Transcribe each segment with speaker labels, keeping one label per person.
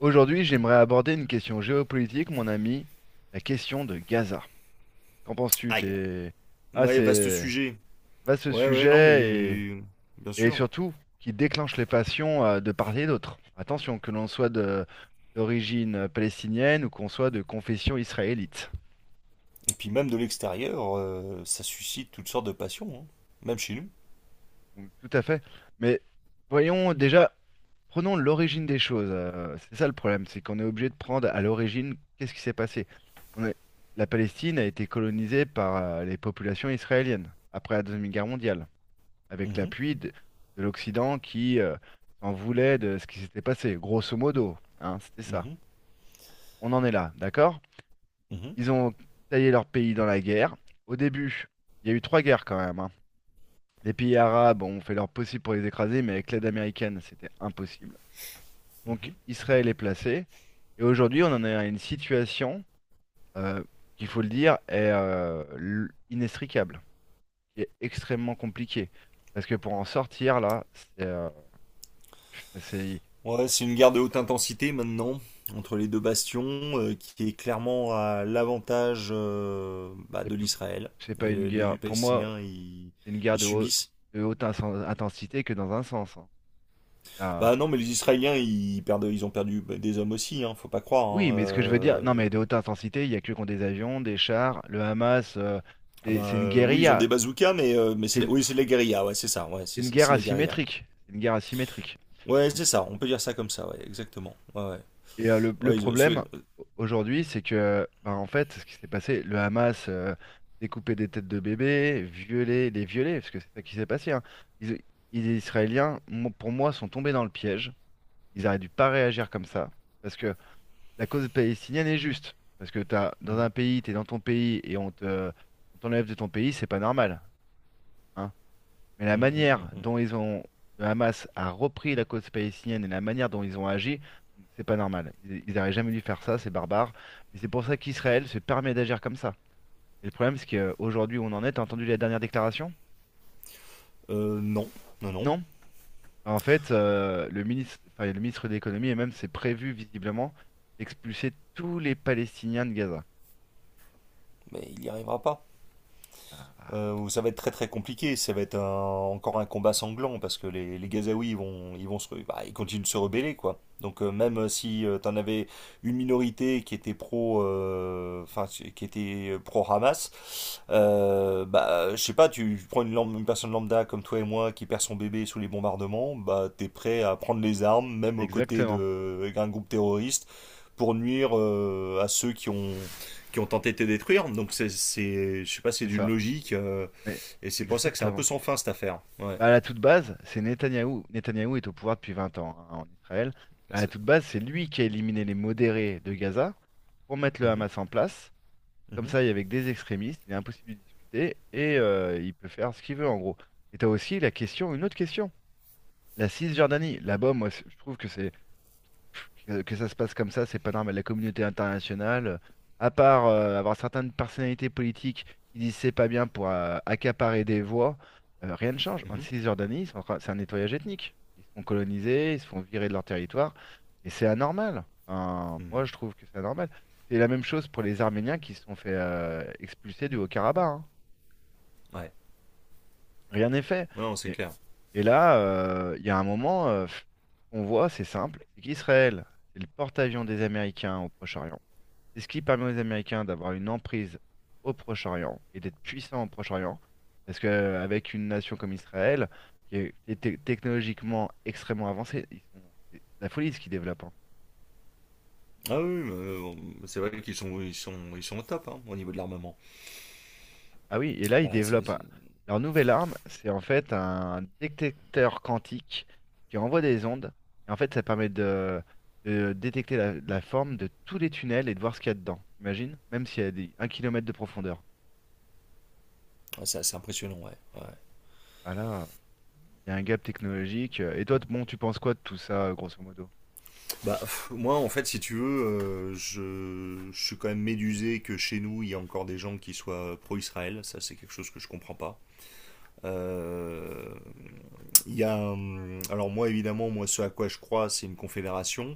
Speaker 1: Aujourd'hui, j'aimerais aborder une question géopolitique, mon ami, la question de Gaza. Qu'en penses-tu?
Speaker 2: Aïe.
Speaker 1: Ah,
Speaker 2: Ouais, vaste
Speaker 1: c'est
Speaker 2: sujet.
Speaker 1: vaste
Speaker 2: Ouais, ouais, non,
Speaker 1: sujet
Speaker 2: mais. Bien
Speaker 1: et
Speaker 2: sûr.
Speaker 1: surtout qui déclenche les passions de part et d'autre. Attention, que l'on soit d'origine palestinienne ou qu'on soit de confession israélite.
Speaker 2: Et puis même de l'extérieur, ça suscite toutes sortes de passions, hein. Même chez nous.
Speaker 1: Donc, tout à fait. Mais voyons déjà, prenons l'origine des choses. C'est ça le problème, c'est qu'on est obligé de prendre à l'origine qu'est-ce qui s'est passé. On est- La Palestine a été colonisée par les populations israéliennes après la Deuxième Guerre mondiale, avec
Speaker 2: Mhm,
Speaker 1: l'appui de l'Occident qui s'en voulait de ce qui s'était passé, grosso modo, hein, c'était ça.
Speaker 2: mhm,
Speaker 1: On en est là, d'accord?
Speaker 2: mhm,
Speaker 1: Ils ont taillé leur pays dans la guerre. Au début, il y a eu trois guerres quand même, hein. Les pays arabes ont fait leur possible pour les écraser, mais avec l'aide américaine, c'était impossible. Donc
Speaker 2: mhm.
Speaker 1: Israël est placé. Et aujourd'hui, on en est à une situation euh, qu'il faut le dire est inextricable, qui est extrêmement compliquée. Parce que pour en sortir, là, c'est euh, c'est-
Speaker 2: Ouais, c'est une guerre de haute intensité maintenant, entre les deux bastions, qui est clairement à l'avantage bah,
Speaker 1: c'est
Speaker 2: de
Speaker 1: p-
Speaker 2: l'Israël.
Speaker 1: c'est pas une
Speaker 2: Les
Speaker 1: guerre. Pour moi,
Speaker 2: Palestiniens, ils,
Speaker 1: c'est une guerre
Speaker 2: ils subissent.
Speaker 1: de haute intensité que dans un sens, hein. Là,
Speaker 2: Bah non, mais les Israéliens, ils perdent, ils ont perdu bah, des hommes aussi, hein, faut pas croire,
Speaker 1: oui,
Speaker 2: hein.
Speaker 1: mais ce que je veux dire, non, mais de haute intensité, il y a que contre des avions, des chars, le Hamas,
Speaker 2: Ah
Speaker 1: c'est
Speaker 2: bah
Speaker 1: c'est une
Speaker 2: oui, ils ont
Speaker 1: guérilla.
Speaker 2: des bazookas, mais
Speaker 1: C'est
Speaker 2: c'est
Speaker 1: une,
Speaker 2: oui, c'est de la guérilla, ouais, c'est ça, ouais,
Speaker 1: c'est
Speaker 2: c'est
Speaker 1: une
Speaker 2: c'est
Speaker 1: guerre
Speaker 2: c'est de la guérilla.
Speaker 1: asymétrique. C'est une guerre asymétrique.
Speaker 2: Ouais, c'est ça, on peut dire ça comme ça, ouais, exactement. Ouais, ouais.
Speaker 1: Et le
Speaker 2: Ouais,
Speaker 1: problème aujourd'hui, c'est que, bah, en fait, ce qui s'est passé, le Hamas découpait des têtes de bébés, violait, les violait, parce que c'est ça qui s'est passé, hein. Ils- les Israéliens, pour moi, sont tombés dans le piège. Ils auraient dû pas réagir comme ça, parce que la cause palestinienne est juste. Parce que t'as, dans
Speaker 2: hum,
Speaker 1: un pays, tu es dans ton pays et on te, on t'enlève de ton pays, c'est pas normal, hein. Mais la manière
Speaker 2: hum.
Speaker 1: dont ils ont, le Hamas a repris la cause palestinienne et la manière dont ils ont agi, c'est pas normal. Ils auraient jamais dû faire ça, c'est barbare. Et c'est pour ça qu'Israël se permet d'agir comme ça. Et le problème, c'est qu'aujourd'hui, on en est. T'as entendu la dernière déclaration?
Speaker 2: Non, non, non,
Speaker 1: Non? En fait, le ministre, enfin, le ministre de l'économie et même c'est prévu visiblement d'expulser tous les Palestiniens de Gaza.
Speaker 2: mais il n'y arrivera pas.
Speaker 1: Ah,
Speaker 2: Où ça va être très très compliqué. Ça va être encore un combat sanglant parce que les Gazaouis ils vont bah, ils continuent de se rebeller quoi. Donc même si tu t'en avais une minorité qui était pro, enfin si, qui était pro Hamas, bah, je sais pas, tu prends une personne lambda comme toi et moi qui perd son bébé sous les bombardements, bah, t'es prêt à prendre les armes, même aux côtés
Speaker 1: exactement,
Speaker 2: d'un groupe terroriste, pour nuire à ceux qui ont tenté de te détruire. Donc c'est je sais pas, c'est
Speaker 1: c'est
Speaker 2: d'une
Speaker 1: ça.
Speaker 2: logique
Speaker 1: Mais
Speaker 2: et c'est pour ça que c'est un peu
Speaker 1: exactement.
Speaker 2: sans fin cette affaire. Ouais.
Speaker 1: Bah, à la toute base, c'est Netanyahou. Netanyahou est au pouvoir depuis 20 ans, hein, en Israël. À la toute base, c'est lui qui a éliminé les modérés de Gaza pour mettre le
Speaker 2: Mhm,
Speaker 1: Hamas en place. Comme
Speaker 2: mhm.
Speaker 1: ça, il y avait que des extrémistes, il est impossible de discuter et il peut faire ce qu'il veut en gros. Et tu as aussi la question, une autre question, la Cisjordanie. Là-bas, moi, je trouve que c'est que ça se passe comme ça, c'est pas normal. La communauté internationale, à part avoir certaines personnalités politiques qui disent c'est pas bien pour accaparer des voix, rien ne change. En
Speaker 2: Mhm.
Speaker 1: Cisjordanie, ils sont en train- c'est un nettoyage ethnique. Ils se font coloniser, ils se font virer de leur territoire, et c'est anormal. Enfin, moi,
Speaker 2: Hmm.
Speaker 1: je trouve que c'est anormal. C'est la même chose pour les Arméniens qui se sont fait expulser du Haut-Karabakh, hein.
Speaker 2: Ouais.
Speaker 1: Rien n'est fait.
Speaker 2: Non, c'est clair.
Speaker 1: Et là, il y a un moment, on voit, c'est simple, c'est qu'Israël, c'est le porte-avions des Américains au Proche-Orient. C'est ce qui permet aux Américains d'avoir une emprise au Proche-Orient et d'être puissants au Proche-Orient. Parce qu'avec une nation comme Israël, qui est technologiquement extrêmement avancée, ils sont- c'est de la folie ce qu'ils développent, hein.
Speaker 2: Ah oui, mais, bon, c'est vrai qu'ils sont, ils sont au top hein, au niveau de l'armement.
Speaker 1: Ah oui, et là, ils
Speaker 2: Voilà,
Speaker 1: développent
Speaker 2: ouais,
Speaker 1: leur nouvelle arme, c'est en fait un détecteur quantique qui envoie des ondes. Et en fait, ça permet de détecter la forme de tous les tunnels et de voir ce qu'il y a dedans. T'imagines? Même s'il y a 1 kilomètre de profondeur.
Speaker 2: c'est assez impressionnant, ouais, ouais.
Speaker 1: Voilà, il y a un gap technologique. Et toi, bon, tu penses quoi de tout ça, grosso modo?
Speaker 2: Bah, pff, moi, en fait, si tu veux, je suis quand même médusé que chez nous, il y a encore des gens qui soient pro-Israël. Ça, c'est quelque chose que je comprends pas. Euh, alors moi évidemment, moi ce à quoi je crois, c'est une confédération,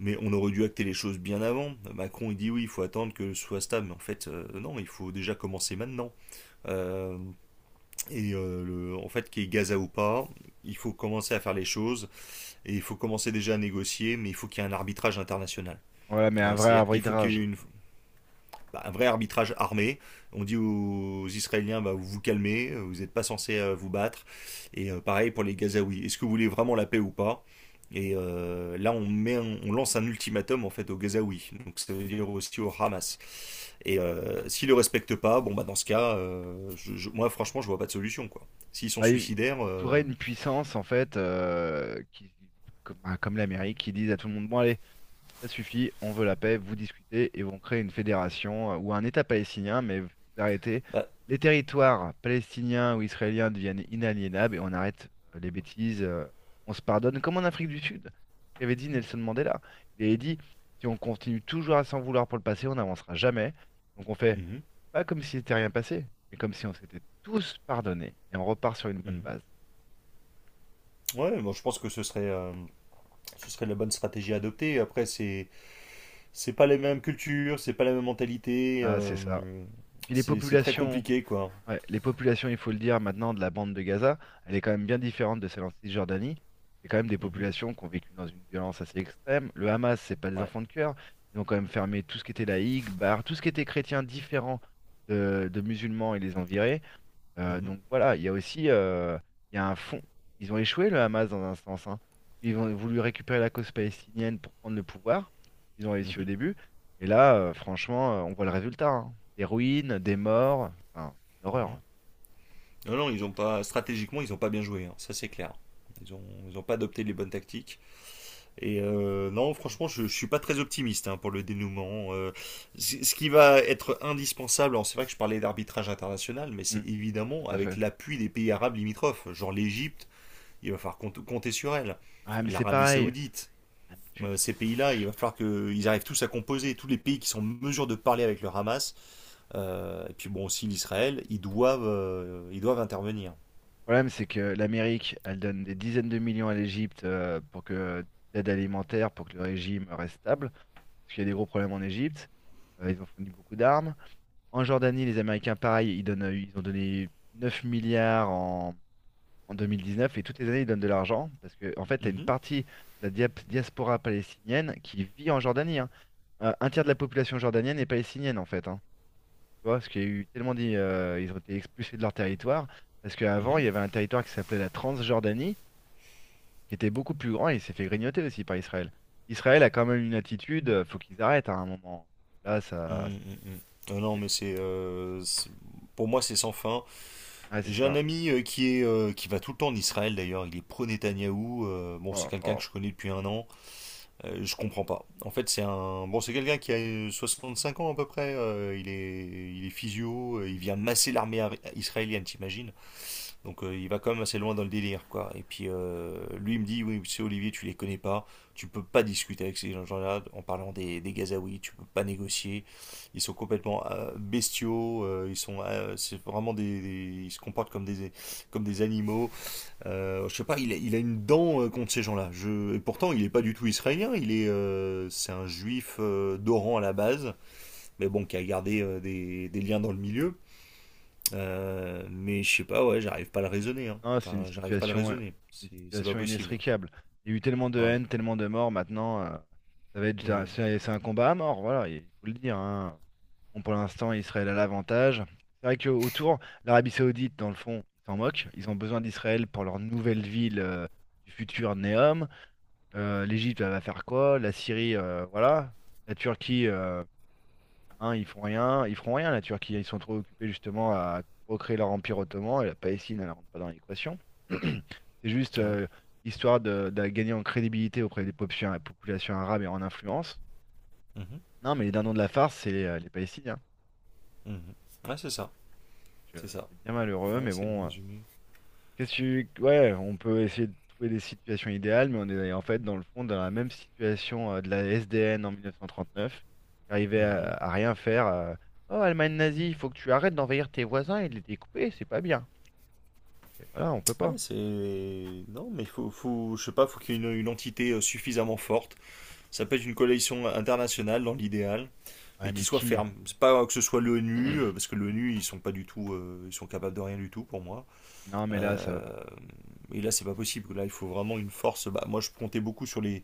Speaker 2: mais on aurait dû acter les choses bien avant. Macron il dit oui, il faut attendre que ce soit stable, mais en fait non, il faut déjà commencer maintenant. Euh, et en fait, qu'il y ait Gaza ou pas, il faut commencer à faire les choses et il faut commencer déjà à négocier, mais il faut qu'il y ait un arbitrage international.
Speaker 1: Voilà, mais un vrai
Speaker 2: C'est-à-dire qu'il faut qu'il y
Speaker 1: arbitrage.
Speaker 2: ait bah, un vrai arbitrage armé. On dit aux Israéliens, bah, vous vous calmez, vous n'êtes pas censés vous battre. Et pareil pour les Gazaouis. Est-ce que vous voulez vraiment la paix ou pas? Et là, on lance un ultimatum en fait aux Gazaouis. Donc ça veut dire aussi au Hamas. Et s'ils ne le respectent pas, bon bah dans ce cas, moi franchement, je vois pas de solution quoi. S'ils sont
Speaker 1: Bah,
Speaker 2: suicidaires,
Speaker 1: il faudrait une puissance, en fait, qui, comme, bah, comme l'Amérique, qui dise à tout le monde, bon, allez, ça suffit, on veut la paix, vous discutez et vont créer une fédération ou un État palestinien, mais vous arrêtez.
Speaker 2: bah.
Speaker 1: Les territoires palestiniens ou israéliens deviennent inaliénables et on arrête les bêtises, on se pardonne, comme en Afrique du Sud, qu'avait dit Nelson Mandela. Il avait dit, si on continue toujours à s'en vouloir pour le passé, on n'avancera jamais. Donc on fait
Speaker 2: Mhm,
Speaker 1: pas comme s'il n'était rien passé, mais comme si on s'était tous pardonnés et on repart sur une bonne
Speaker 2: mhm.
Speaker 1: base.
Speaker 2: Ouais, bon, je pense que ce serait, ce serait la bonne stratégie à adopter. Après, c'est pas les mêmes cultures, c'est pas la même mentalité,
Speaker 1: Ah, c'est ça. Puis les
Speaker 2: c'est très
Speaker 1: populations.
Speaker 2: compliqué, quoi.
Speaker 1: Ouais, les populations, il faut le dire, maintenant de la bande de Gaza, elle est quand même bien différente de celle en Cisjordanie. C'est quand même des
Speaker 2: Mhm.
Speaker 1: populations qui ont vécu dans une violence assez extrême. Le Hamas, c'est pas des
Speaker 2: Ouais.
Speaker 1: enfants de cœur. Ils ont quand même fermé tout ce qui était laïque, bar, tout ce qui était chrétien différent de musulmans, ils les ont virés.
Speaker 2: Mhm.
Speaker 1: Donc voilà, il y a aussi il y a un fond. Ils ont échoué, le Hamas, dans un sens, hein. Ils ont voulu récupérer la cause palestinienne pour prendre le pouvoir. Ils ont réussi au
Speaker 2: Mhm.
Speaker 1: début. Et là, franchement, on voit le résultat, hein. Des ruines, des morts. Enfin, c'est une horreur.
Speaker 2: Mhm. Non, non, ils ont pas, stratégiquement, ils ont pas bien joué, hein, ça c'est clair. Ils ont, ils ont pas adopté les bonnes tactiques. Et non, franchement, je suis pas très optimiste hein, pour le dénouement. Ce qui va être indispensable, alors c'est vrai que je parlais d'arbitrage international, mais c'est
Speaker 1: Mm,
Speaker 2: évidemment
Speaker 1: tout à
Speaker 2: avec
Speaker 1: fait.
Speaker 2: l'appui des pays arabes limitrophes, genre l'Égypte, il va falloir compter sur elle.
Speaker 1: Ah, mais c'est
Speaker 2: L'Arabie
Speaker 1: pareil.
Speaker 2: Saoudite.
Speaker 1: Ah, mais le
Speaker 2: Ces pays-là, il va falloir qu'ils arrivent tous à composer, tous les pays qui sont en mesure de parler avec le Hamas, et puis bon aussi l'Israël, ils doivent intervenir.
Speaker 1: problème, c'est que l'Amérique, elle donne des dizaines de millions à l'Égypte pour que d'aide alimentaire pour que le régime reste stable, parce qu'il y a des gros problèmes en Égypte. Ils ont fourni beaucoup d'armes. En Jordanie, les Américains, pareil, ils donnent, ils ont donné 9 milliards en 2019 et toutes les années, ils donnent de l'argent parce que, en fait, tu as une
Speaker 2: Mhm,
Speaker 1: partie de la diaspora palestinienne qui vit en Jordanie, hein. Un tiers de la population jordanienne est palestinienne, en fait, hein. Tu vois, parce qu'il y a eu tellement dit, ils ont été expulsés de leur territoire, parce qu'avant, il
Speaker 2: mhm,
Speaker 1: y avait un territoire qui s'appelait la Transjordanie, qui était beaucoup plus grand, et il s'est fait grignoter aussi par Israël. Israël a quand même une attitude, faut qu'ils arrêtent, hein, à un moment. Là, ça.
Speaker 2: mhm, mhm. Non,
Speaker 1: c'est-
Speaker 2: mais c'est, pour moi c'est sans fin.
Speaker 1: Ouais, c'est
Speaker 2: J'ai un
Speaker 1: ça.
Speaker 2: ami qui va tout le temps en Israël d'ailleurs. Il est pro Netanyahou. Bon,
Speaker 1: Oh
Speaker 2: c'est
Speaker 1: là
Speaker 2: quelqu'un que
Speaker 1: là.
Speaker 2: je connais depuis un an. Je comprends pas. En fait, bon, c'est quelqu'un qui a 65 ans à peu près. Il est, il est physio. Il vient masser l'armée israélienne, t'imagines? Donc il va quand même assez loin dans le délire, quoi. Et puis lui il me dit, oui, c'est Olivier, tu les connais pas, tu peux pas discuter avec ces gens-là en parlant des Gazaouis, tu peux pas négocier. Ils sont complètement bestiaux, c'est vraiment ils se comportent comme des animaux. Je sais pas, il a une dent contre ces gens-là. Et pourtant il est pas du tout israélien, c'est un juif d'Oran à la base, mais bon qui a gardé des liens dans le milieu. Mais je sais pas, ouais, j'arrive pas à le raisonner, hein.
Speaker 1: Non, c'est
Speaker 2: Enfin, j'arrive pas à le raisonner.
Speaker 1: une
Speaker 2: C'est pas
Speaker 1: situation
Speaker 2: possible.
Speaker 1: inextricable. Il y a eu tellement de
Speaker 2: Ouais.
Speaker 1: haine, tellement de morts, maintenant, ça va être.
Speaker 2: Mm.
Speaker 1: C'est un combat à mort, voilà, il faut le dire, hein. Bon, pour l'instant, Israël a l'avantage. C'est vrai qu'autour, l'Arabie Saoudite, dans le fond, ils s'en moquent. Ils ont besoin d'Israël pour leur nouvelle ville du futur Neom. L'Égypte, elle va faire quoi? La Syrie, voilà. La Turquie, hein, ils font rien. Ils feront rien, la Turquie. Ils sont trop occupés justement à recréer leur empire ottoman. Et la Palestine, elle rentre pas dans l'équation. C'est juste
Speaker 2: Ouais.
Speaker 1: histoire de gagner en crédibilité auprès des populations, populations arabes et en influence.
Speaker 2: Mhm.
Speaker 1: Non, mais les dindons de la farce, c'est les Palestiniens.
Speaker 2: Mhm. Ouais, c'est ça.
Speaker 1: Donc,
Speaker 2: C'est ça.
Speaker 1: c'est bien malheureux,
Speaker 2: Ouais,
Speaker 1: mais
Speaker 2: c'est bien
Speaker 1: bon,
Speaker 2: résumé.
Speaker 1: qu'est-ce que ouais, on peut essayer de trouver des situations idéales, mais on est en fait dans le fond dans la même situation de la SDN en 1939, qui arrivait
Speaker 2: Mhm.
Speaker 1: à rien faire. Oh, Allemagne nazie, il faut que tu arrêtes d'envahir tes voisins et de les découper, c'est pas bien. Et voilà, on peut pas.
Speaker 2: Ouais, c'est. Non, mais faut, faut je sais pas, faut qu'il y ait une entité suffisamment forte. Ça peut être une coalition internationale dans l'idéal,
Speaker 1: Ouais,
Speaker 2: mais qui
Speaker 1: mais
Speaker 2: soit
Speaker 1: qui?
Speaker 2: ferme. C'est pas que ce soit l'ONU, parce que l'ONU, ils sont capables de rien du tout pour moi.
Speaker 1: Non, mais là, ça va.
Speaker 2: Euh, et là, c'est pas possible. Là, il faut vraiment une force. Bah, moi, je comptais beaucoup sur les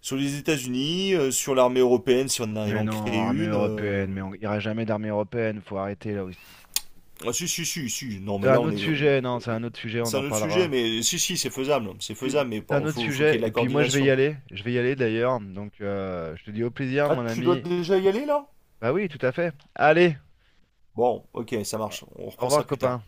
Speaker 2: sur les États-Unis, sur l'armée européenne, si on arrive à
Speaker 1: Mais
Speaker 2: en
Speaker 1: non,
Speaker 2: créer
Speaker 1: armée
Speaker 2: une.
Speaker 1: européenne, mais on ira jamais d'armée européenne, faut arrêter là aussi, hein.
Speaker 2: Ah si si si si. Non
Speaker 1: C'est
Speaker 2: mais là
Speaker 1: un
Speaker 2: on
Speaker 1: autre
Speaker 2: est.
Speaker 1: sujet, non, c'est
Speaker 2: Euh,
Speaker 1: un autre sujet, on
Speaker 2: C'est un
Speaker 1: en
Speaker 2: autre sujet,
Speaker 1: parlera.
Speaker 2: mais si c'est faisable, c'est
Speaker 1: Puis,
Speaker 2: faisable, mais
Speaker 1: c'est un autre
Speaker 2: faut faut qu'il y ait
Speaker 1: sujet.
Speaker 2: de
Speaker 1: Et
Speaker 2: la
Speaker 1: puis moi, je vais y
Speaker 2: coordination.
Speaker 1: aller. Je vais y aller d'ailleurs. Donc, je te dis au plaisir,
Speaker 2: Ah
Speaker 1: mon
Speaker 2: tu dois
Speaker 1: ami.
Speaker 2: déjà y aller là?
Speaker 1: Bah oui, tout à fait. Allez,
Speaker 2: Bon, ok, ça marche. On
Speaker 1: au
Speaker 2: reprend ça
Speaker 1: revoir,
Speaker 2: plus tard.
Speaker 1: copain.